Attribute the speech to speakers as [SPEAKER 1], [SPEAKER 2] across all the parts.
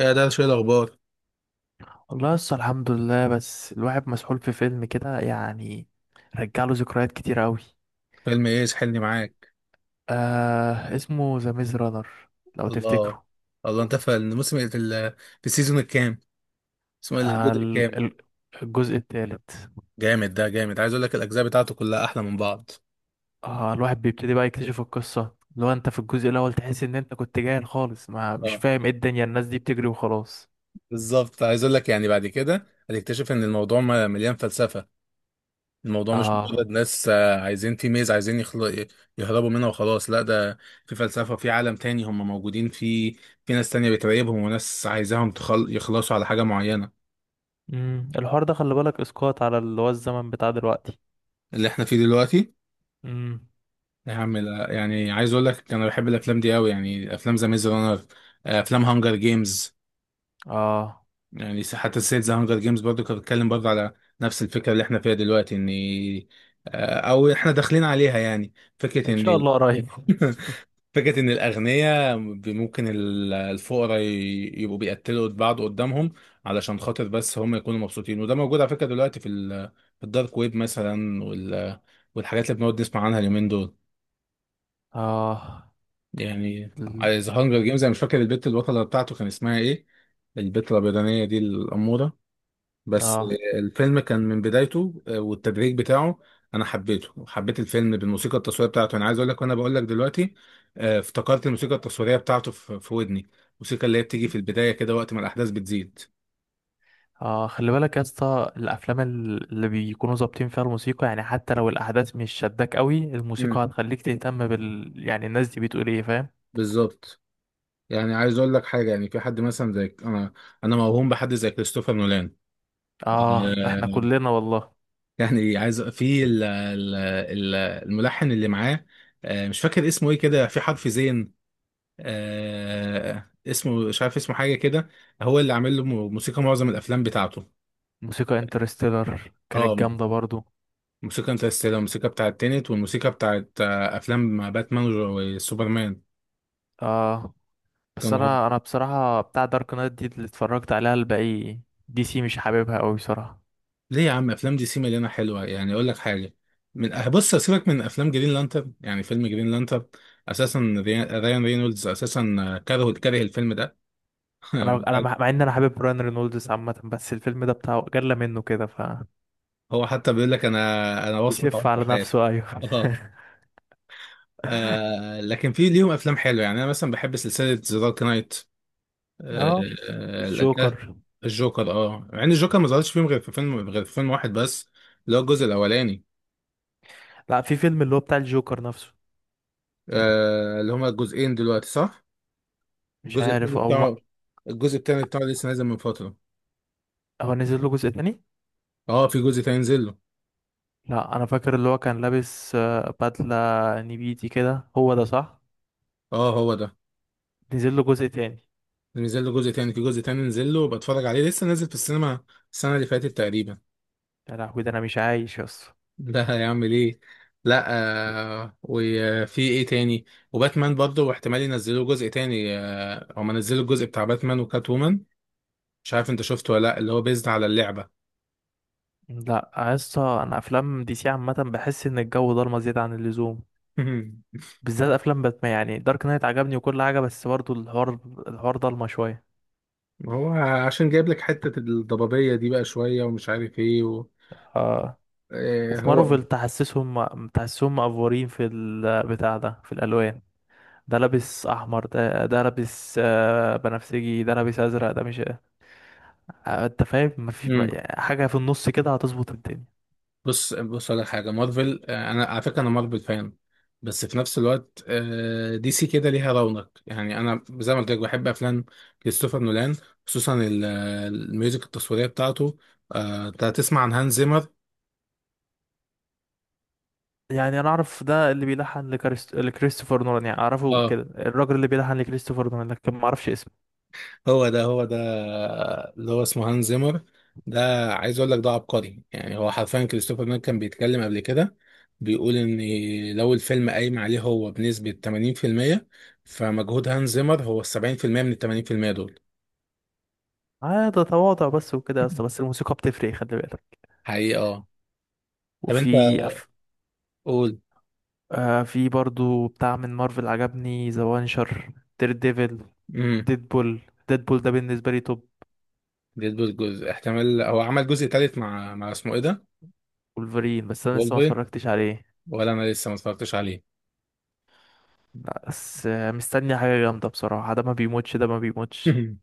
[SPEAKER 1] يا ده شوية الأخبار.
[SPEAKER 2] والله لسه الحمد لله، بس الواحد مسحول في فيلم كده يعني. رجع له ذكريات كتير قوي.
[SPEAKER 1] فيلم إيه سحلني معاك؟
[SPEAKER 2] آه اسمه ذا ميز رانر، لو
[SPEAKER 1] الله.
[SPEAKER 2] تفتكره.
[SPEAKER 1] الله، أنت في الموسم في في السيزون الكام؟ اسمه إيه،
[SPEAKER 2] آه
[SPEAKER 1] الجزء
[SPEAKER 2] ال-
[SPEAKER 1] الكام؟
[SPEAKER 2] ال- الجزء الثالث.
[SPEAKER 1] جامد، ده جامد، عايز أقول لك الأجزاء بتاعته كلها أحلى من بعض.
[SPEAKER 2] آه الواحد بيبتدي بقى يكتشف القصة. لو انت في الجزء الاول تحس ان انت كنت جاهل خالص، ما مش
[SPEAKER 1] اه،
[SPEAKER 2] فاهم ايه الدنيا، الناس دي بتجري وخلاص.
[SPEAKER 1] بالظبط. عايز أقول لك يعني بعد كده هتكتشف إن الموضوع مليان فلسفة. الموضوع مش
[SPEAKER 2] اه.
[SPEAKER 1] مجرد ناس، عايزين تيميز، عايزين يهربوا منها وخلاص. لا، ده في فلسفة، في عالم تاني هم موجودين فيه. في ناس تانية بتراقبهم، وناس عايزاهم يخلصوا على حاجة معينة.
[SPEAKER 2] الحوار ده خلي بالك اسقاط على اللي هو الزمن بتاع دلوقتي.
[SPEAKER 1] اللي احنا فيه دلوقتي.
[SPEAKER 2] امم.
[SPEAKER 1] يا عم لا، يعني عايز اقول لك، انا بحب الافلام دي قوي، يعني افلام ذا ميز رانر، افلام هانجر جيمز.
[SPEAKER 2] اه،
[SPEAKER 1] يعني حتى سلسله ذا هانجر جيمز برضو كانت بتتكلم برضو على نفس الفكره اللي احنا فيها دلوقتي، ان او احنا داخلين عليها يعني، فكره
[SPEAKER 2] ان شاء
[SPEAKER 1] ان
[SPEAKER 2] الله قريب.
[SPEAKER 1] فكره ان الاغنياء ممكن الفقراء يبقوا بيقتلوا بعض قدامهم علشان خاطر بس هم يكونوا مبسوطين. وده موجود على فكره دلوقتي في الدارك ويب مثلا، والحاجات اللي بنقعد نسمع عنها اليومين دول.
[SPEAKER 2] اه
[SPEAKER 1] يعني
[SPEAKER 2] ال-
[SPEAKER 1] ذا هانجر
[SPEAKER 2] ال-
[SPEAKER 1] جيمز انا مش فاكر البت البطله بتاعته كان اسمها ايه، البت الابيضانيه دي الاموره بس.
[SPEAKER 2] اه.
[SPEAKER 1] الفيلم كان من بدايته والتدريج بتاعه، انا حبيته وحبيت الفيلم بالموسيقى التصويريه بتاعته. انا عايز اقول لك، وانا بقول لك دلوقتي، افتكرت الموسيقى التصويريه بتاعته في ودني، الموسيقى اللي هي بتيجي في البدايه كده وقت ما الاحداث بتزيد.
[SPEAKER 2] اه، خلي بالك يا اسطى، الافلام اللي بيكونوا ظابطين فيها الموسيقى، يعني حتى لو الاحداث مش شداك قوي، الموسيقى
[SPEAKER 1] امم
[SPEAKER 2] هتخليك تهتم بال، يعني الناس دي بتقول ايه، فاهم.
[SPEAKER 1] بالظبط. يعني عايز اقول لك حاجه، يعني في حد مثلا زي انا موهوم بحد زي كريستوفر نولان.
[SPEAKER 2] اه احنا
[SPEAKER 1] آه،
[SPEAKER 2] كلنا والله.
[SPEAKER 1] يعني عايز في ال الملحن اللي معاه، مش فاكر اسمه ايه كده، في حرف زين، اسمه مش عارف، اسمه حاجه كده، هو اللي عامل له موسيقى معظم الافلام بتاعته.
[SPEAKER 2] موسيقى انترستيلر
[SPEAKER 1] اه.
[SPEAKER 2] كانت جامده برضو.
[SPEAKER 1] موسيقى انترستيلر، الموسيقى بتاعت تينت، والموسيقى بتاعت افلام باتمان وسوبرمان.
[SPEAKER 2] اه، بس
[SPEAKER 1] كانوا هم.
[SPEAKER 2] انا بصراحه بتاع دارك نايت دي اللي اتفرجت عليها الباقي. دي سي مش حاببها قوي بصراحه.
[SPEAKER 1] ليه يا عم، افلام دي سي مليانه حلوه، يعني اقول لك حاجه، من آه، بص، سيبك من افلام جرين لانترن، يعني فيلم جرين لانترن اساسا، ريان رينولدز اساسا كره الفيلم ده.
[SPEAKER 2] انا مع مع ان انا حابب براين رينولدز عامه، بس الفيلم ده بتاعه جلى منه كده، ف
[SPEAKER 1] هو حتى بيقول لك انا وصمة
[SPEAKER 2] يسف
[SPEAKER 1] عمري في
[SPEAKER 2] على
[SPEAKER 1] حياتي.
[SPEAKER 2] نفسه، ايوه.
[SPEAKER 1] اه، لكن في ليهم افلام حلوه، يعني انا مثلا بحب سلسله ذا دارك نايت. آه،
[SPEAKER 2] اه،
[SPEAKER 1] آه، الأك-
[SPEAKER 2] الجوكر.
[SPEAKER 1] الجوكر، اه، مع ان الجوكر ما ظهرش فيهم غير في فيلم، غير في فيلم واحد بس، اللي هو الجزء الاولاني.
[SPEAKER 2] لا، في فيلم اللي هو بتاع الجوكر نفسه.
[SPEAKER 1] اللي هما الجزئين دلوقتي، صح.
[SPEAKER 2] مش
[SPEAKER 1] الجزء
[SPEAKER 2] عارف
[SPEAKER 1] التاني
[SPEAKER 2] او ما...
[SPEAKER 1] بتاعه الجزء التاني بتاعه لسه نازل من فتره.
[SPEAKER 2] هو نزل له جزء تاني.
[SPEAKER 1] اه، في جزء تاني نزل له.
[SPEAKER 2] لا انا فاكر اللي هو كان لابس بدلة نبيتي كده، هو ده صح؟
[SPEAKER 1] اه، هو ده،
[SPEAKER 2] نزل له جزء تاني.
[SPEAKER 1] نزل له جزء تاني، في جزء تاني نزل له، بتفرج عليه، لسه نازل في السينما السنه اللي فاتت تقريبا.
[SPEAKER 2] يا لهوي، ده انا مش عايش يا اسطى.
[SPEAKER 1] ده هيعمل ايه؟ لا. وفي ايه تاني؟ وباتمان برضه، واحتمال ينزلوا جزء تاني، هما نزلوا الجزء بتاع باتمان وكات وومن، مش عارف انت شفته ولا لا، اللي هو بيزد على اللعبة.
[SPEAKER 2] لا يا اسطى، انا افلام دي سي عامه بحس ان الجو ضلمه زياده عن اللزوم. بالذات افلام باتمان. يعني دارك نايت عجبني وكل حاجه، بس برضو الحوار، الحوار ضلمه شويه.
[SPEAKER 1] هو عشان جايب لك حتة الضبابية دي بقى شوية، ومش عارف ايه
[SPEAKER 2] آه.
[SPEAKER 1] آه
[SPEAKER 2] وفي
[SPEAKER 1] هو
[SPEAKER 2] مارفل تحسسهم مقفورين في البتاع ده، في الالوان. ده لابس احمر، ده لابس بنفسجي، ده لابس ازرق، ده مش، انت فاهم، ما
[SPEAKER 1] مم.
[SPEAKER 2] في حاجه في النص كده هتظبط الدنيا.
[SPEAKER 1] بص على حاجه، مارفل، انا على فكره انا مارفل فان. بس في نفس الوقت دي سي كده ليها رونق، يعني انا زي ما قلت لك بحب افلام كريستوفر نولان، خصوصا الميوزك التصويريه بتاعته. انت هتسمع عن هانز زيمر.
[SPEAKER 2] يعني انا اعرف ده اللي لكريستوفر نولان. يعني اعرفه
[SPEAKER 1] اه،
[SPEAKER 2] كده، الراجل اللي بيلحن لكريستوفر نولان، لكن ما اعرفش اسمه.
[SPEAKER 1] هو ده اللي هو اسمه هانز زيمر ده. عايز اقول لك ده عبقري، يعني هو حرفيا كريستوفر نولان كان بيتكلم قبل كده بيقول ان لو الفيلم قايم عليه هو بنسبة 80%، فمجهود هانز زيمر هو ال 70% من ال 80% دول.
[SPEAKER 2] اه، ده تواضع بس وكده يا اسطى. بس الموسيقى بتفرق، خلي بالك.
[SPEAKER 1] حقيقة، اه. طب انت
[SPEAKER 2] وفي أف...
[SPEAKER 1] قول.
[SPEAKER 2] آه، في برضو بتاع من مارفل عجبني، ذا وانشر، دير ديفل،
[SPEAKER 1] امم
[SPEAKER 2] ديدبول. ديدبول ده بالنسبة لي توب.
[SPEAKER 1] ديدبول جزء، احتمال هو عمل جزء تالت مع اسمه ايه ده؟
[SPEAKER 2] ولفرين، بس انا لسه ما
[SPEAKER 1] وولفرين.
[SPEAKER 2] اتفرجتش عليه.
[SPEAKER 1] ولا انا لسه ما اتفرجتش عليه.
[SPEAKER 2] لا بس مستني حاجة جامدة بصراحة. ده ما بيموتش، ده ما بيموتش.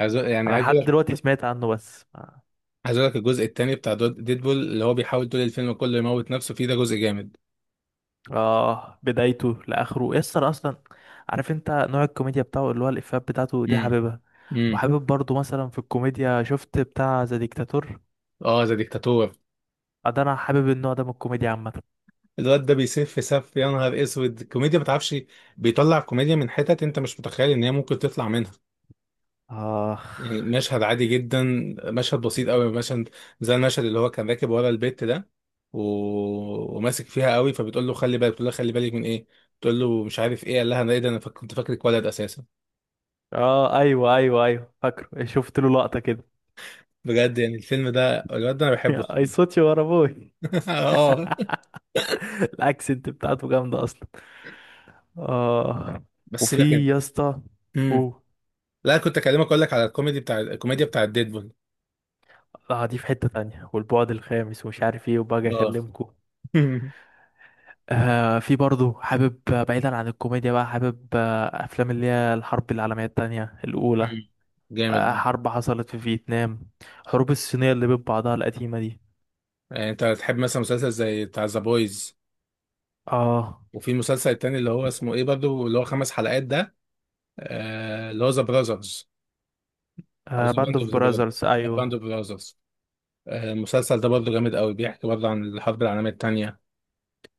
[SPEAKER 1] عايز أقول- يعني
[SPEAKER 2] انا
[SPEAKER 1] عايز
[SPEAKER 2] لحد دلوقتي سمعت عنه بس
[SPEAKER 1] عايز اقول لك الجزء التاني بتاع ديدبول اللي هو بيحاول طول الفيلم كله يموت نفسه فيه، ده جزء جامد.
[SPEAKER 2] اه. بدايته لاخره يسر اصلا. عارف انت نوع الكوميديا بتاعه، اللي هو الافيهات بتاعته دي
[SPEAKER 1] امم،
[SPEAKER 2] حاببها.
[SPEAKER 1] امم،
[SPEAKER 2] وحابب برضو مثلا في الكوميديا، شفت بتاع ذا ديكتاتور.
[SPEAKER 1] اه. ذا ديكتاتور.
[SPEAKER 2] ده انا حابب النوع ده من الكوميديا عامة.
[SPEAKER 1] الواد ده بيسف سف، يا نهار اسود الكوميديا ما تعرفش، بيطلع كوميديا من حتت انت مش متخيل ان هي ممكن تطلع منها.
[SPEAKER 2] اه.
[SPEAKER 1] يعني مشهد عادي جدا، مشهد بسيط قوي، مشهد زي المشهد اللي هو كان راكب ورا البيت ده و... وماسك فيها قوي، فبتقول له خلي بالك، بتقول له خلي بالك من ايه، بتقول له مش عارف ايه، قال لها انا ايه ده، انا كنت فاكرك ولد اساسا.
[SPEAKER 2] اه، ايوه ايوه ايوه، فاكره، شفت له لقطة كده.
[SPEAKER 1] بجد، يعني الفيلم ده الواد ده انا بحبه
[SPEAKER 2] يا اي
[SPEAKER 1] الصراحة.
[SPEAKER 2] صوتي ورا ابوي.
[SPEAKER 1] اه،
[SPEAKER 2] الاكسنت بتاعته جامدة اصلا. اه.
[SPEAKER 1] بس سيبك
[SPEAKER 2] وفي
[SPEAKER 1] انت.
[SPEAKER 2] يا اسطى.
[SPEAKER 1] امم
[SPEAKER 2] اوه.
[SPEAKER 1] لا كنت اكلمك، اقول لك على الكوميدي بتاع، الكوميديا بتاع ديدبول.
[SPEAKER 2] اه، دي في حتة تانية والبعد الخامس ومش عارف ايه، وباجي
[SPEAKER 1] اه.
[SPEAKER 2] اكلمكم. آه، في برضه حابب، بعيدا عن الكوميديا بقى، حابب افلام اللي هي الحرب العالمية التانية، الاولى.
[SPEAKER 1] مم. جامد
[SPEAKER 2] آه،
[SPEAKER 1] ده.
[SPEAKER 2] حرب حصلت في فيتنام، حروب الصينية اللي بين بعضها القديمة دي.
[SPEAKER 1] يعني انت تحب مثلا مسلسل زي بتاع ذا بويز،
[SPEAKER 2] اه.
[SPEAKER 1] وفي مسلسل تاني اللي هو اسمه ايه برضو، اللي هو خمس حلقات ده، اللي هو ذا براذرز، او
[SPEAKER 2] آه،
[SPEAKER 1] ذا
[SPEAKER 2] باند
[SPEAKER 1] باند
[SPEAKER 2] اوف
[SPEAKER 1] اوف ذا براذرز،
[SPEAKER 2] براذرز، ايوه.
[SPEAKER 1] باند اوف براذرز. المسلسل ده برضو جامد قوي، بيحكي برضو عن الحرب العالميه التانيه.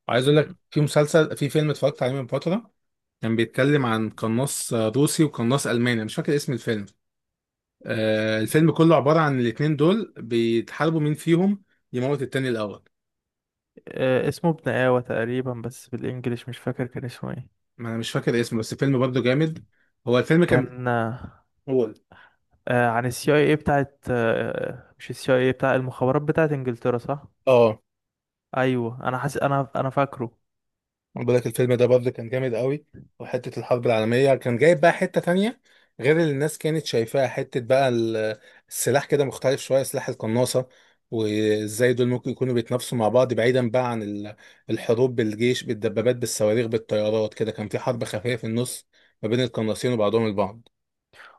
[SPEAKER 1] وعايز اقول لك في مسلسل، في فيلم اتفرجت عليه من فتره، كان بيتكلم عن قناص روسي وقناص الماني، مش فاكر اسم الفيلم. الفيلم كله عبارة عن الاتنين دول بيتحاربوا مين فيهم يموت التاني الأول.
[SPEAKER 2] آه، اسمه ابن آوى تقريبا، بس بالانجليش مش فاكر كان اسمه ايه.
[SPEAKER 1] ما أنا مش فاكر اسمه، بس الفيلم برضه جامد. هو الفيلم كان،
[SPEAKER 2] كان
[SPEAKER 1] هو
[SPEAKER 2] عن السي اي اي بتاعت، مش السي اي اي، بتاع المخابرات بتاعت انجلترا، صح؟
[SPEAKER 1] اه
[SPEAKER 2] ايوه، انا حاسس انا انا فاكره.
[SPEAKER 1] أنا بقول لك الفيلم ده برضه كان جامد قوي. وحتة الحرب العالمية كان جايب بقى حتة تانية، غير اللي الناس كانت شايفاها، حتة بقى السلاح كده مختلف شوية، سلاح القناصة، وازاي دول ممكن يكونوا بيتنافسوا مع بعض بعيدا بقى عن الحروب بالجيش بالدبابات بالصواريخ بالطيارات. كده كان في حرب خفية في النص ما بين القناصين وبعضهم البعض.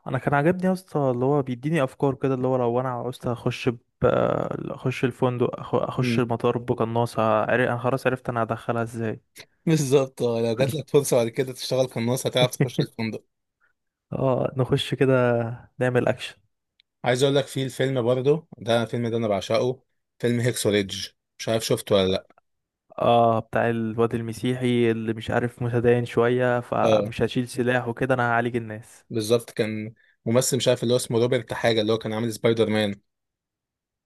[SPEAKER 2] انا كان عاجبني يا اسطى، اللي هو بيديني افكار كده، اللي هو لو انا عاوزت اخش الفندق، اخش المطار بقناصة، انا خلاص عرفت انا هدخلها ازاي.
[SPEAKER 1] بالظبط، اه. لو جات لك فرصه بعد كده تشتغل قناص، هتعرف تخش الفندق.
[SPEAKER 2] اه، نخش كده، نعمل اكشن.
[SPEAKER 1] عايز اقول لك في الفيلم برضه ده، الفيلم ده انا بعشقه، فيلم هيكسو ريدج، مش عارف شفته ولا لا.
[SPEAKER 2] اه، بتاع الواد المسيحي اللي مش عارف متدين شوية،
[SPEAKER 1] اه،
[SPEAKER 2] فمش هشيل سلاح وكده، انا هعالج الناس.
[SPEAKER 1] بالظبط. كان ممثل مش عارف اللي هو اسمه روبرت حاجه، اللي هو كان عامل سبايدر مان.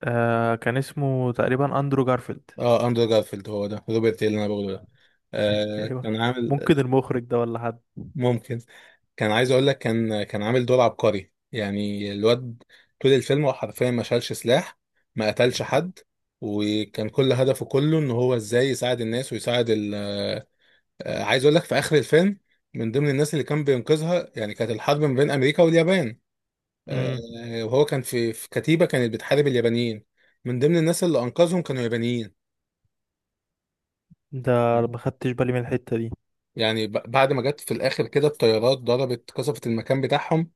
[SPEAKER 2] آه كان اسمه تقريبا اندرو جارفيلد.
[SPEAKER 1] اه، اندرو جارفيلد، هو ده، روبرت إيه اللي انا بقوله ده.
[SPEAKER 2] ايوه.
[SPEAKER 1] كان عامل،
[SPEAKER 2] ممكن المخرج ده ولا حد.
[SPEAKER 1] ممكن. كان عايز اقول لك، كان عامل دور عبقري، يعني الواد طول الفيلم هو حرفيا ما شالش سلاح، ما قتلش حد، وكان كل هدفه كله ان هو ازاي يساعد الناس ويساعد ال عايز اقول لك في اخر الفيلم، من ضمن الناس اللي كان بينقذها، يعني كانت الحرب ما بين امريكا واليابان، آه،
[SPEAKER 2] امم.
[SPEAKER 1] وهو كان في كتيبة كانت بتحارب اليابانيين، من ضمن الناس اللي انقذهم كانوا يابانيين.
[SPEAKER 2] ده ما خدتش بالي من الحتة دي.
[SPEAKER 1] يعني بعد ما جت في الاخر كده الطيارات ضربت، قصفت المكان بتاعهم،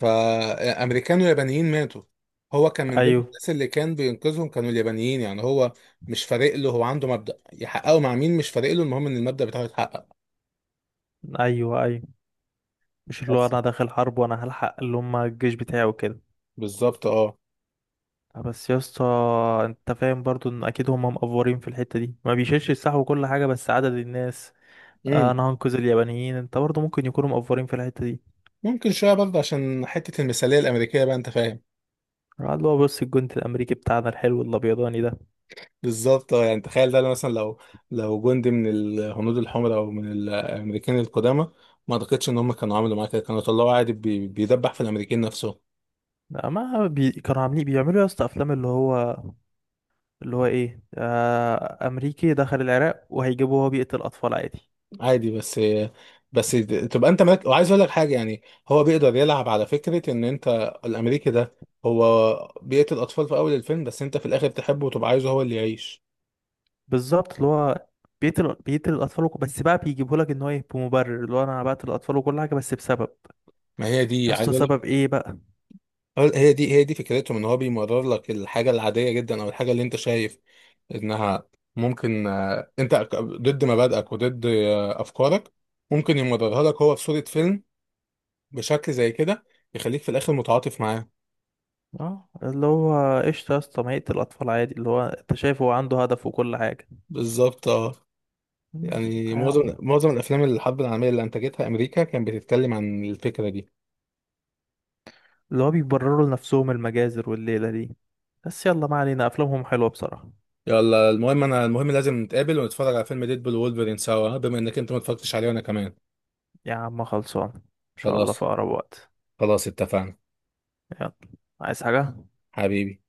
[SPEAKER 1] فامريكان ويابانيين ماتوا. هو كان من ضمن
[SPEAKER 2] ايوه
[SPEAKER 1] الناس اللي كان بينقذهم كانوا اليابانيين، يعني هو مش فارق له، هو عنده مبدأ يحققه مع مين مش فارق له، المهم ان المبدأ بتاعه يتحقق.
[SPEAKER 2] ايوه ايوه. مش اللي هو
[SPEAKER 1] بس.
[SPEAKER 2] انا داخل حرب وانا هلحق اللي هم الجيش بتاعي وكده.
[SPEAKER 1] بالظبط، اه.
[SPEAKER 2] بس يا اسطى، انت فاهم برضو ان اكيد هم مقفورين في الحتة دي، ما بيشيلش السلاح وكل حاجة، بس عدد الناس،
[SPEAKER 1] امم
[SPEAKER 2] انا هنقذ اليابانيين، انت برضو ممكن يكونوا مقفورين في الحتة دي.
[SPEAKER 1] ممكن شويه برضه عشان حته المثاليه الامريكيه بقى، انت فاهم.
[SPEAKER 2] قعد اللي هو بص الجندي الامريكي بتاعنا الحلو الابيضاني ده.
[SPEAKER 1] بالظبط، اه. يعني تخيل ده، لو مثلا، لو جندي من الهنود الحمر او من الامريكان القدامى، ما اعتقدش ان هم كانوا عملوا معاه كده، كانوا طلعوا عادي بيدبح في الامريكان نفسهم
[SPEAKER 2] ما بي... كانوا عاملين، بيعملوا يا اسطى افلام اللي هو، اللي هو ايه، امريكي دخل العراق وهيجيبه وهو بيقتل اطفال عادي.
[SPEAKER 1] عادي. بس بس تبقى انت مالك. وعايز اقول لك حاجه، يعني هو بيقدر يلعب على فكره ان انت الامريكي ده هو بيقتل اطفال في اول الفيلم، بس انت في الاخر تحبه وتبقى عايزه هو اللي يعيش.
[SPEAKER 2] بالظبط، اللي هو بيقتل الاطفال، بس بقى بيجيبه لك ان هو ايه، بمبرر اللي هو انا بقتل الاطفال وكل حاجه، بس بسبب.
[SPEAKER 1] ما هي
[SPEAKER 2] يا
[SPEAKER 1] دي عايز
[SPEAKER 2] اسطى
[SPEAKER 1] اقول لك،
[SPEAKER 2] سبب ايه بقى؟
[SPEAKER 1] هي دي فكرتهم، ان هو بيمرر لك الحاجه العاديه جدا او الحاجه اللي انت شايف انها ممكن انت ضد مبادئك وضد افكارك، ممكن يمررها لك هو في صوره فيلم بشكل زي كده يخليك في الاخر متعاطف معاه.
[SPEAKER 2] اه، اللي هو قشطه يا اسطى، ما يقتل الاطفال عادي، اللي هو انت شايف هو عنده هدف وكل حاجه.
[SPEAKER 1] بالظبط، اه.
[SPEAKER 2] مم.
[SPEAKER 1] يعني
[SPEAKER 2] يا عم،
[SPEAKER 1] معظم الافلام الحرب العالميه اللي انتجتها امريكا كان بتتكلم عن الفكره دي.
[SPEAKER 2] اللي هو بيبرروا لنفسهم المجازر والليلة دي. بس يلا، ما علينا، أفلامهم حلوة بصراحة.
[SPEAKER 1] يلا المهم، المهم لازم نتقابل ونتفرج على فيلم ديدبول وولفرين سوا، بما انك انت ما اتفرجتش عليه وانا كمان.
[SPEAKER 2] يا عم خلصان، إن شاء الله في
[SPEAKER 1] خلاص،
[SPEAKER 2] أقرب وقت.
[SPEAKER 1] خلاص اتفقنا.
[SPEAKER 2] يلا. عايز حاجة؟
[SPEAKER 1] حبيبي.